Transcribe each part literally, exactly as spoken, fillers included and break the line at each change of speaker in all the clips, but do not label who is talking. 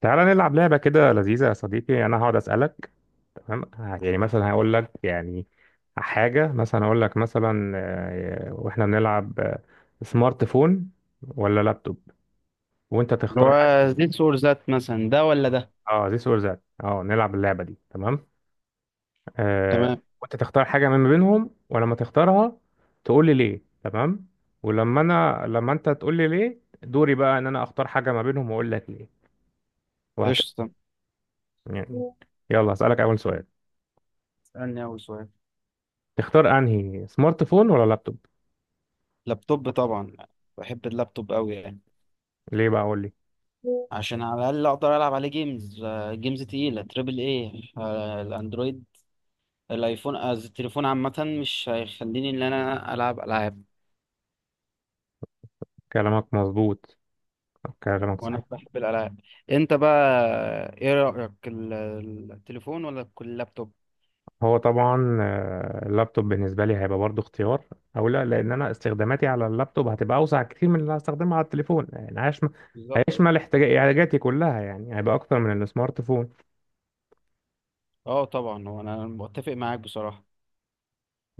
تعالى نلعب لعبة كده لذيذة يا صديقي. أنا هقعد أسألك، تمام؟ ه- يعني مثلا هقول لك، يعني حاجة مثلا، أقول لك مثلا آه، وإحنا بنلعب. آه، سمارت فون ولا لابتوب، وأنت
اللي
تختار حاجة
هو ذيس
من-
اور ذات، مثلا ده ولا ده؟
أه، ذيس أور ذات. أه، نلعب اللعبة دي، تمام. آه،
تمام.
وأنت تختار حاجة من بينهم، ولما تختارها تقول لي ليه، تمام؟ ولما أنا، لما أنت تقول لي ليه دوري بقى إن أنا أختار حاجة ما بينهم وأقول لك ليه، وهكذا.
قشطة.
يعني يلا أسألك أول سؤال:
اسألني أول سؤال.
تختار انهي، سمارت فون ولا لابتوب؟
لابتوب طبعا. بحب اللابتوب أوي يعني،
ليه بقى، اقول لي.
عشان على الأقل أقدر ألعب عليه جيمز. آه، جيمز تقيلة تريبل إيه. آه، الأندرويد، الأيفون، آه، التليفون عامة مش هيخليني إن أنا ألعب ألعاب.
كلامك مظبوط، كلامك صحيح.
وأنا بحب الألعاب. أنت بقى، إيه رأيك؟ ال- التليفون ولا كل اللابتوب؟
هو طبعا آه، اللابتوب بالنسبه لي هيبقى برضو اختيار او لا، لان انا استخداماتي على اللابتوب هتبقى اوسع كتير من اللي هستخدمها على التليفون. يعني هيشمل،
بالظبط.
هيشمل احتياج- احتياجاتي كلها، يعني هيبقى اكتر من السمارت فون.
أه طبعا، هو أنا متفق معاك بصراحة.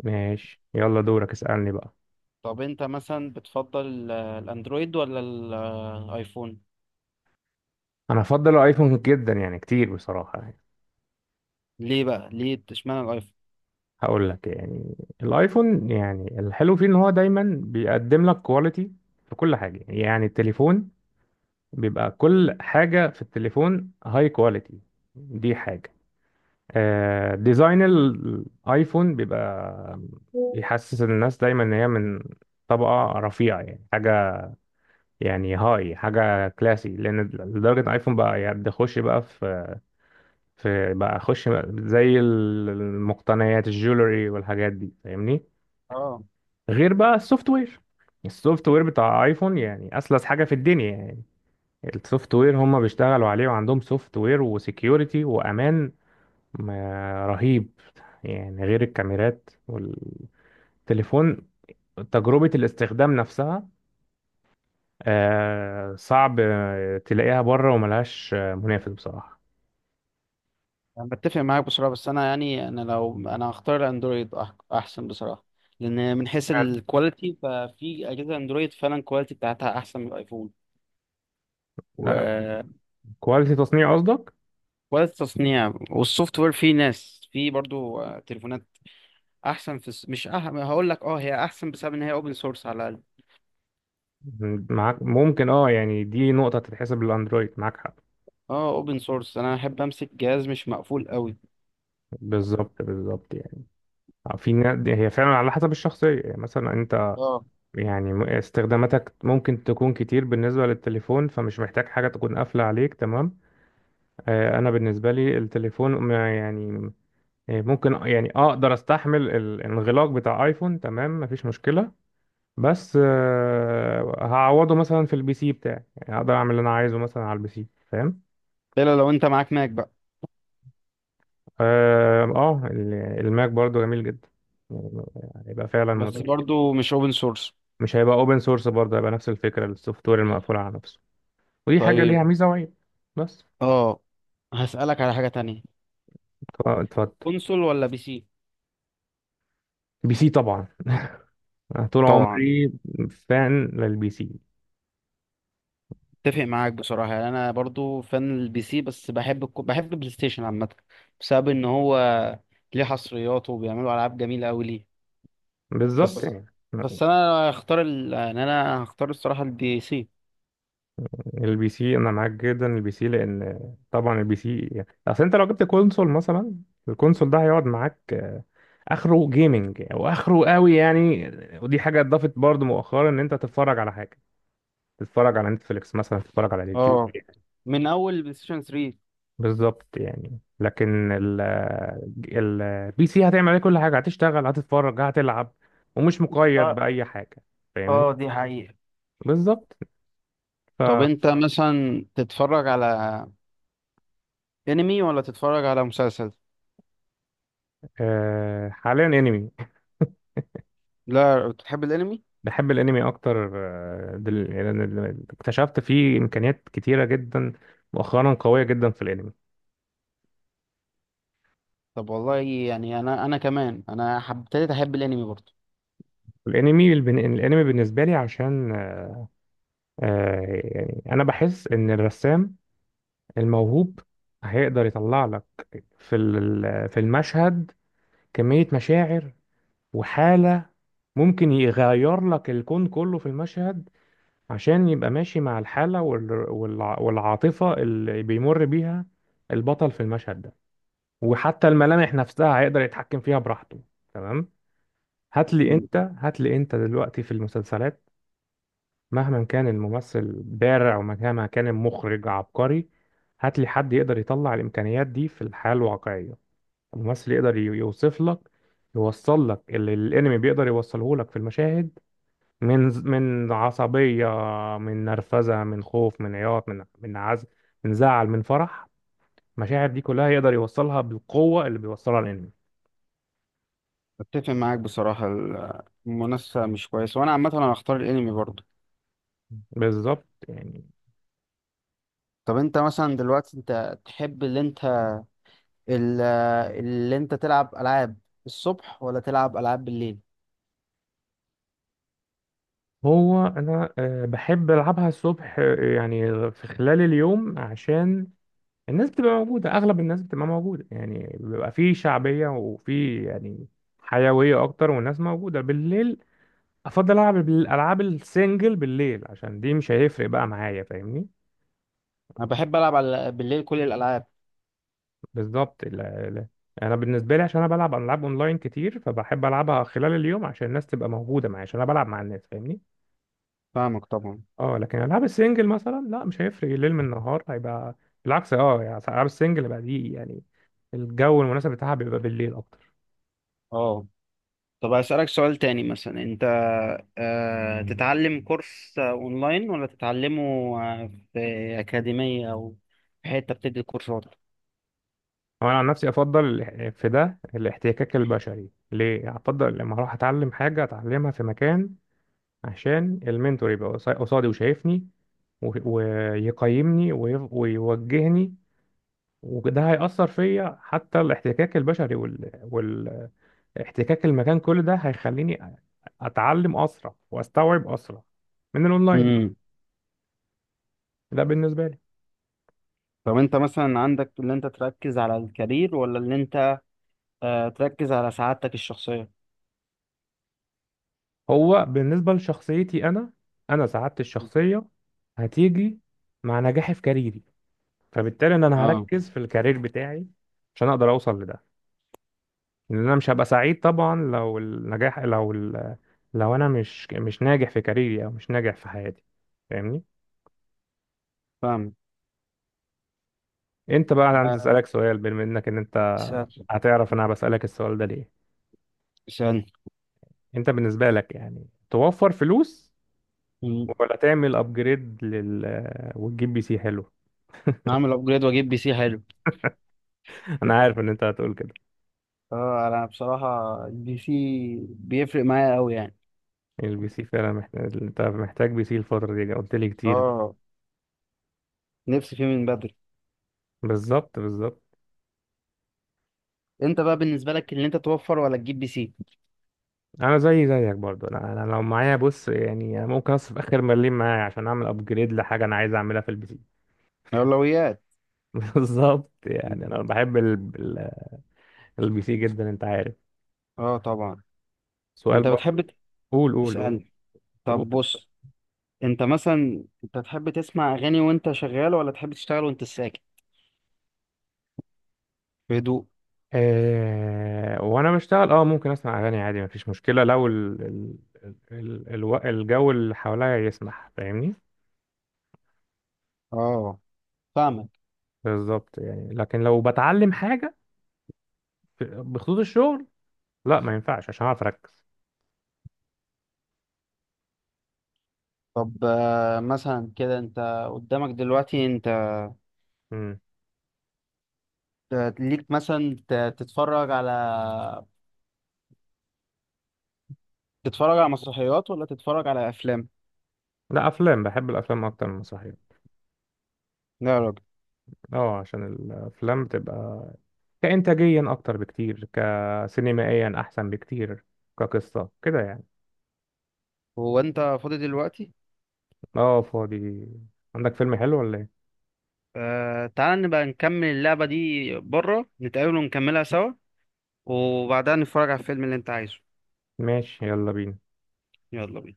ماشي، يلا دورك اسالني بقى.
طب انت مثلا بتفضل ال- الاندرويد ولا ال- الايفون؟
انا هفضل الايفون جدا، يعني كتير بصراحه يعني.
ليه بقى؟ ليه اشمعنى الايفون؟
هقول لك. يعني الايفون، يعني الحلو فيه ان هو دايما بيقدم لك كواليتي في كل حاجه. يعني التليفون بيبقى، كل حاجة في التليفون هاي كواليتي، دي حاجة. آه، ديزاين الايفون بيبقى بيحسس الناس دايما ان هي من طبقة رفيعة، يعني حاجة، يعني هاي حاجة كلاسي، لأن لدرجة إن الايفون بقى يعني ده خش بقى في، في بقى خش زي المقتنيات الجولري والحاجات دي، فاهمني.
اه،
غير بقى السوفت وير، السوفت وير بتاع ايفون يعني أسلس حاجة في الدنيا. يعني السوفت وير هم بيشتغلوا عليه، وعندهم سوفت وير وسكيورتي وامان ما- رهيب. يعني غير الكاميرات والتليفون، تجربة الاستخدام نفسها، آه، صعب آه، تلاقيها بره، وملهاش آه، منافس بصراحة.
انا بتفق معاك بصراحه، بس انا يعني انا لو انا هختار الاندرويد أح- احسن بصراحه. لان من حيث
حلو.
الكواليتي، ففي اجهزه اندرويد فعلا الكواليتي بتاعتها احسن من الايفون.
لا،
وكواليتي
كواليتي تصنيع قصدك.
التصنيع والسوفت وير، في ناس في برضو آه، تليفونات احسن في الس- مش أح... هقول لك، اه هي احسن بسبب ان هي اوبن سورس على الاقل.
م- معاك، ممكن، اه. يعني دي نقطة تتحسب للأندرويد، معاك حق.
اه، اوبن سورس، انا احب امسك جهاز مش مقفول قوي.
بالظبط، بالظبط. يعني آه، في نا- هي فعلا على حسب الشخصية، يعني مثلا
اه،
يعني م- استخداماتك ممكن تكون كتير بالنسبة للتليفون، فمش محتاج حاجة تكون قافلة عليك، تمام. آه، أنا بالنسبة لي التليفون ما- يعني آه، ممكن، يعني أقدر أستحمل ال- الانغلاق بتاع آيفون، تمام، مفيش مشكلة. بس آه، هعوضه مثلا في البي سي بتاعي، يعني أقدر أعمل اللي أنا عايزه مثلا على البي سي، فاهم؟
الا لو انت معاك ماك بقى.
آه آه، ال- الماك برضو جميل جدا يعني، هيبقى فعلا مز...
بس برضو مش اوبن سورس.
مش هيبقى اوبن سورس برضه، هيبقى نفس الفكرة، السوفت وير المقفول على نفسه، ودي حاجة
طيب.
ليها ميزة وعيب. بس،
اه، هسألك على حاجة تانية.
ط- اتفضل.
كونسول ولا بي سي؟
بي سي طبعا، أنا طول
طبعا.
عمري فان للبي سي.
اتفق معاك بصراحة يعني، انا برضو فان البي سي، بس بحب الكو... بحب البلاي ستيشن عامة، بسبب ان هو ليه حصريات وبيعملوا العاب جميلة قوي ليه.
بالظبط
بس،
يعني.
بس انا هختار ال... يعني انا هختار الصراحة البي سي.
البي سي، انا معاك جدا. البي سي لان طبعا البي سي، يعني اصل انت لو جبت كونسول مثلا، الكونسول ده هيقعد معاك، آه، اخره جيمنج، واخره قوي يعني. ودي حاجه اتضافت برضو مؤخرا، ان انت تتفرج على حاجه، تتفرج على نتفليكس مثلا، تتفرج على اليوتيوب.
اه، من اول بلاي ستيشن ثلاثة.
بالظبط يعني. لكن ال ال البي سي، هتعمل عليه كل حاجة، هتشتغل، هتتفرج، هتلعب، ومش مقيد
اه،
بأي حاجة، فاهمني؟
اه، دي حقيقة.
بالظبط.
طب
ف
انت مثلا تتفرج على انمي ولا تتفرج على مسلسل؟
آه، حاليا انمي.
لا، بتحب الانمي؟
بحب الانمي اكتر. آه، دل... لأن ال- اكتشفت فيه امكانيات كتيرة جدا مؤخرا، قوية جدا في الانمي.
طب والله يعني، انا انا كمان انا حب- ابتديت احب الانمي برضه.
الانمي البن... الانمي بالنسبة لي عشان آه، يعني انا بحس ان الرسام الموهوب هيقدر يطلع لك في ال- في المشهد كمية مشاعر وحالة، ممكن يغير لك الكون كله في المشهد، عشان يبقى ماشي مع الحالة وال- والع- والعاطفة اللي بيمر بيها البطل في المشهد ده. وحتى الملامح نفسها هيقدر يتحكم فيها براحته، تمام؟ هات لي
مم.
انت هات لي انت دلوقتي في المسلسلات، مهما كان الممثل بارع، ومهما كان المخرج عبقري، هات لي حد يقدر يطلع الإمكانيات دي في الحياة الواقعية. الممثل يقدر ي- يوصف لك، يوصل لك اللي الانمي بيقدر يوصله لك في المشاهد، من، من عصبية، من نرفزة، من خوف، من عياط، من من عزم، من زعل، من فرح. المشاعر دي كلها يقدر يوصلها بالقوة اللي بيوصلها الأنمي.
اتفق معاك بصراحه، ال- المنافسه مش كويسه، وانا عامه انا هختار الانمي برضه.
بالظبط يعني.
طب انت مثلا دلوقتي، انت تحب اللي انت ال- اللي انت تلعب العاب الصبح ولا تلعب العاب بالليل؟
هو أنا آه، بحب ألعبها الصبح، آه، يعني في خلال اليوم، عشان الناس بتبقى موجودة، أغلب الناس بتبقى موجودة، يعني بيبقى فيه شعبية، وفيه يعني حيوية أكتر. والناس موجودة بالليل، أفضل ألعب الألعاب السنجل بالليل عشان دي مش هيفرق بقى معايا، فاهمني؟
انا بحب العب على بالليل كل الالعاب.
بالظبط. ال- ال- انا بالنسبه لي عشان انا بلعب العاب اونلاين كتير، فبحب العبها خلال اليوم عشان الناس تبقى موجوده معايا، عشان انا بلعب مع الناس، فاهمني؟
فاهمك طبعا.
اه لكن العاب السنجل مثلا لا، مش هيفرق الليل من النهار، هيبقى بالعكس. اه يعني العاب السنجل بقى دي يعني الجو المناسب بتاعها بيبقى بالليل اكتر.
اه. طب أسألك سؤال تاني. مثلا أنت آه، تتعلم كورس آه، أونلاين، ولا تتعلمه آه، في أكاديمية أو في حتة بتدي كورسات؟
هو انا عن نفسي افضل الاح- في ده الاحتكاك البشري ليه، افضل لما اروح اتعلم حاجه، اتعلمها في مكان عشان المنتور يبقى قصا- قصادي وشايفني و- ويقيمني ويف- ويوجهني. وده هيأثر فيا، حتى الاحتكاك البشري وال... والاحتكاك المكان، كل ده هيخليني أتعلم أسرع وأستوعب أسرع من الأونلاين.
امم.
ده بالنسبة لي.
طب أنت مثلا عندك، اللي أنت تركز على الكارير ولا اللي أنت آه، تركز على سعادتك الشخصية؟
هو بالنسبة لشخصيتي أنا، أنا سعادتي الشخصية هتيجي مع نجاحي في كاريري، فبالتالي إن أنا
أه،
هركز في الكارير بتاعي عشان أقدر أوصل لده. لأن أنا مش هبقى سعيد طبعا لو النجاح لو ال... لو أنا مش مش ناجح في كاريري، أو مش ناجح في حياتي، فاهمني؟
فاهم.
انت بقى، انا عندي
آه،
اسالك سؤال. بما انك، ان انت
اسأل-
هتعرف انا بسالك السؤال ده ليه.
اسألني.
انت بالنسبه لك يعني، توفر فلوس،
مم.
ولا تعمل ابجريد لل، وتجيب بي سي حلو؟
أعمل أبجريد وأجيب بي سي حلو.
انا عارف ان انت هتقول كده.
أه، أنا بصراحة البي سي بيفرق معايا أوي يعني.
البي سي فعلا محتاج، انت محتاج بي سي الفتره دي، قلت لي كتير.
أه، نفسي فيه من بدري.
بالظبط، بالظبط.
أنت بقى، بالنسبة لك اللي أنت توفر ولا تجيب بي سي؟
انا زي زيك برضو. انا انا لو معايا، بص يعني، انا ممكن اصرف اخر مليم معايا عشان اعمل ابجريد لحاجه انا عايز اعملها في البي سي.
الأولويات.
بالظبط يعني. انا بحب ال- ال- البي سي جدا، انت عارف.
اه طبعا.
سؤال
انت بتحب
برضو. قول، قول، قول.
تسألني؟
طب
طب بص، انت مثلا انت تحب تسمع اغاني وانت شغال، ولا تحب تشتغل وانت ساكت في هدوء؟
آه، وانا بشتغل اه، ممكن اسمع اغاني عادي مفيش مشكله، لو ال ال ال الو- الجو اللي حواليا يسمح، فاهمني؟
اه، فاهمك.
بالظبط يعني. لكن لو بتعلم حاجه في- بخطوط الشغل، لا ما ينفعش عشان اعرف اركز.
طب آه، مثلا كده، انت قدامك دلوقتي انت
مم.
آه، ليك مثلا، ت- تتفرج على تتفرج على مسرحيات ولا تتفرج على افلام؟
لا، افلام، بحب الافلام اكتر من المسرحيات.
لا يا راجل.
اه عشان الافلام بتبقى كانتاجيا اكتر بكتير، كسينمائيا احسن بكتير، كقصه كده يعني.
هو انت فاضي دلوقتي؟
اه فاضي. عندك فيلم حلو ولا ايه؟
آه، تعال نبقى نكمل اللعبة دي بره، نتقابل ونكملها سوا، وبعدها نتفرج على الفيلم اللي انت عايزه.
ماشي، يلا بينا.
يلا بينا.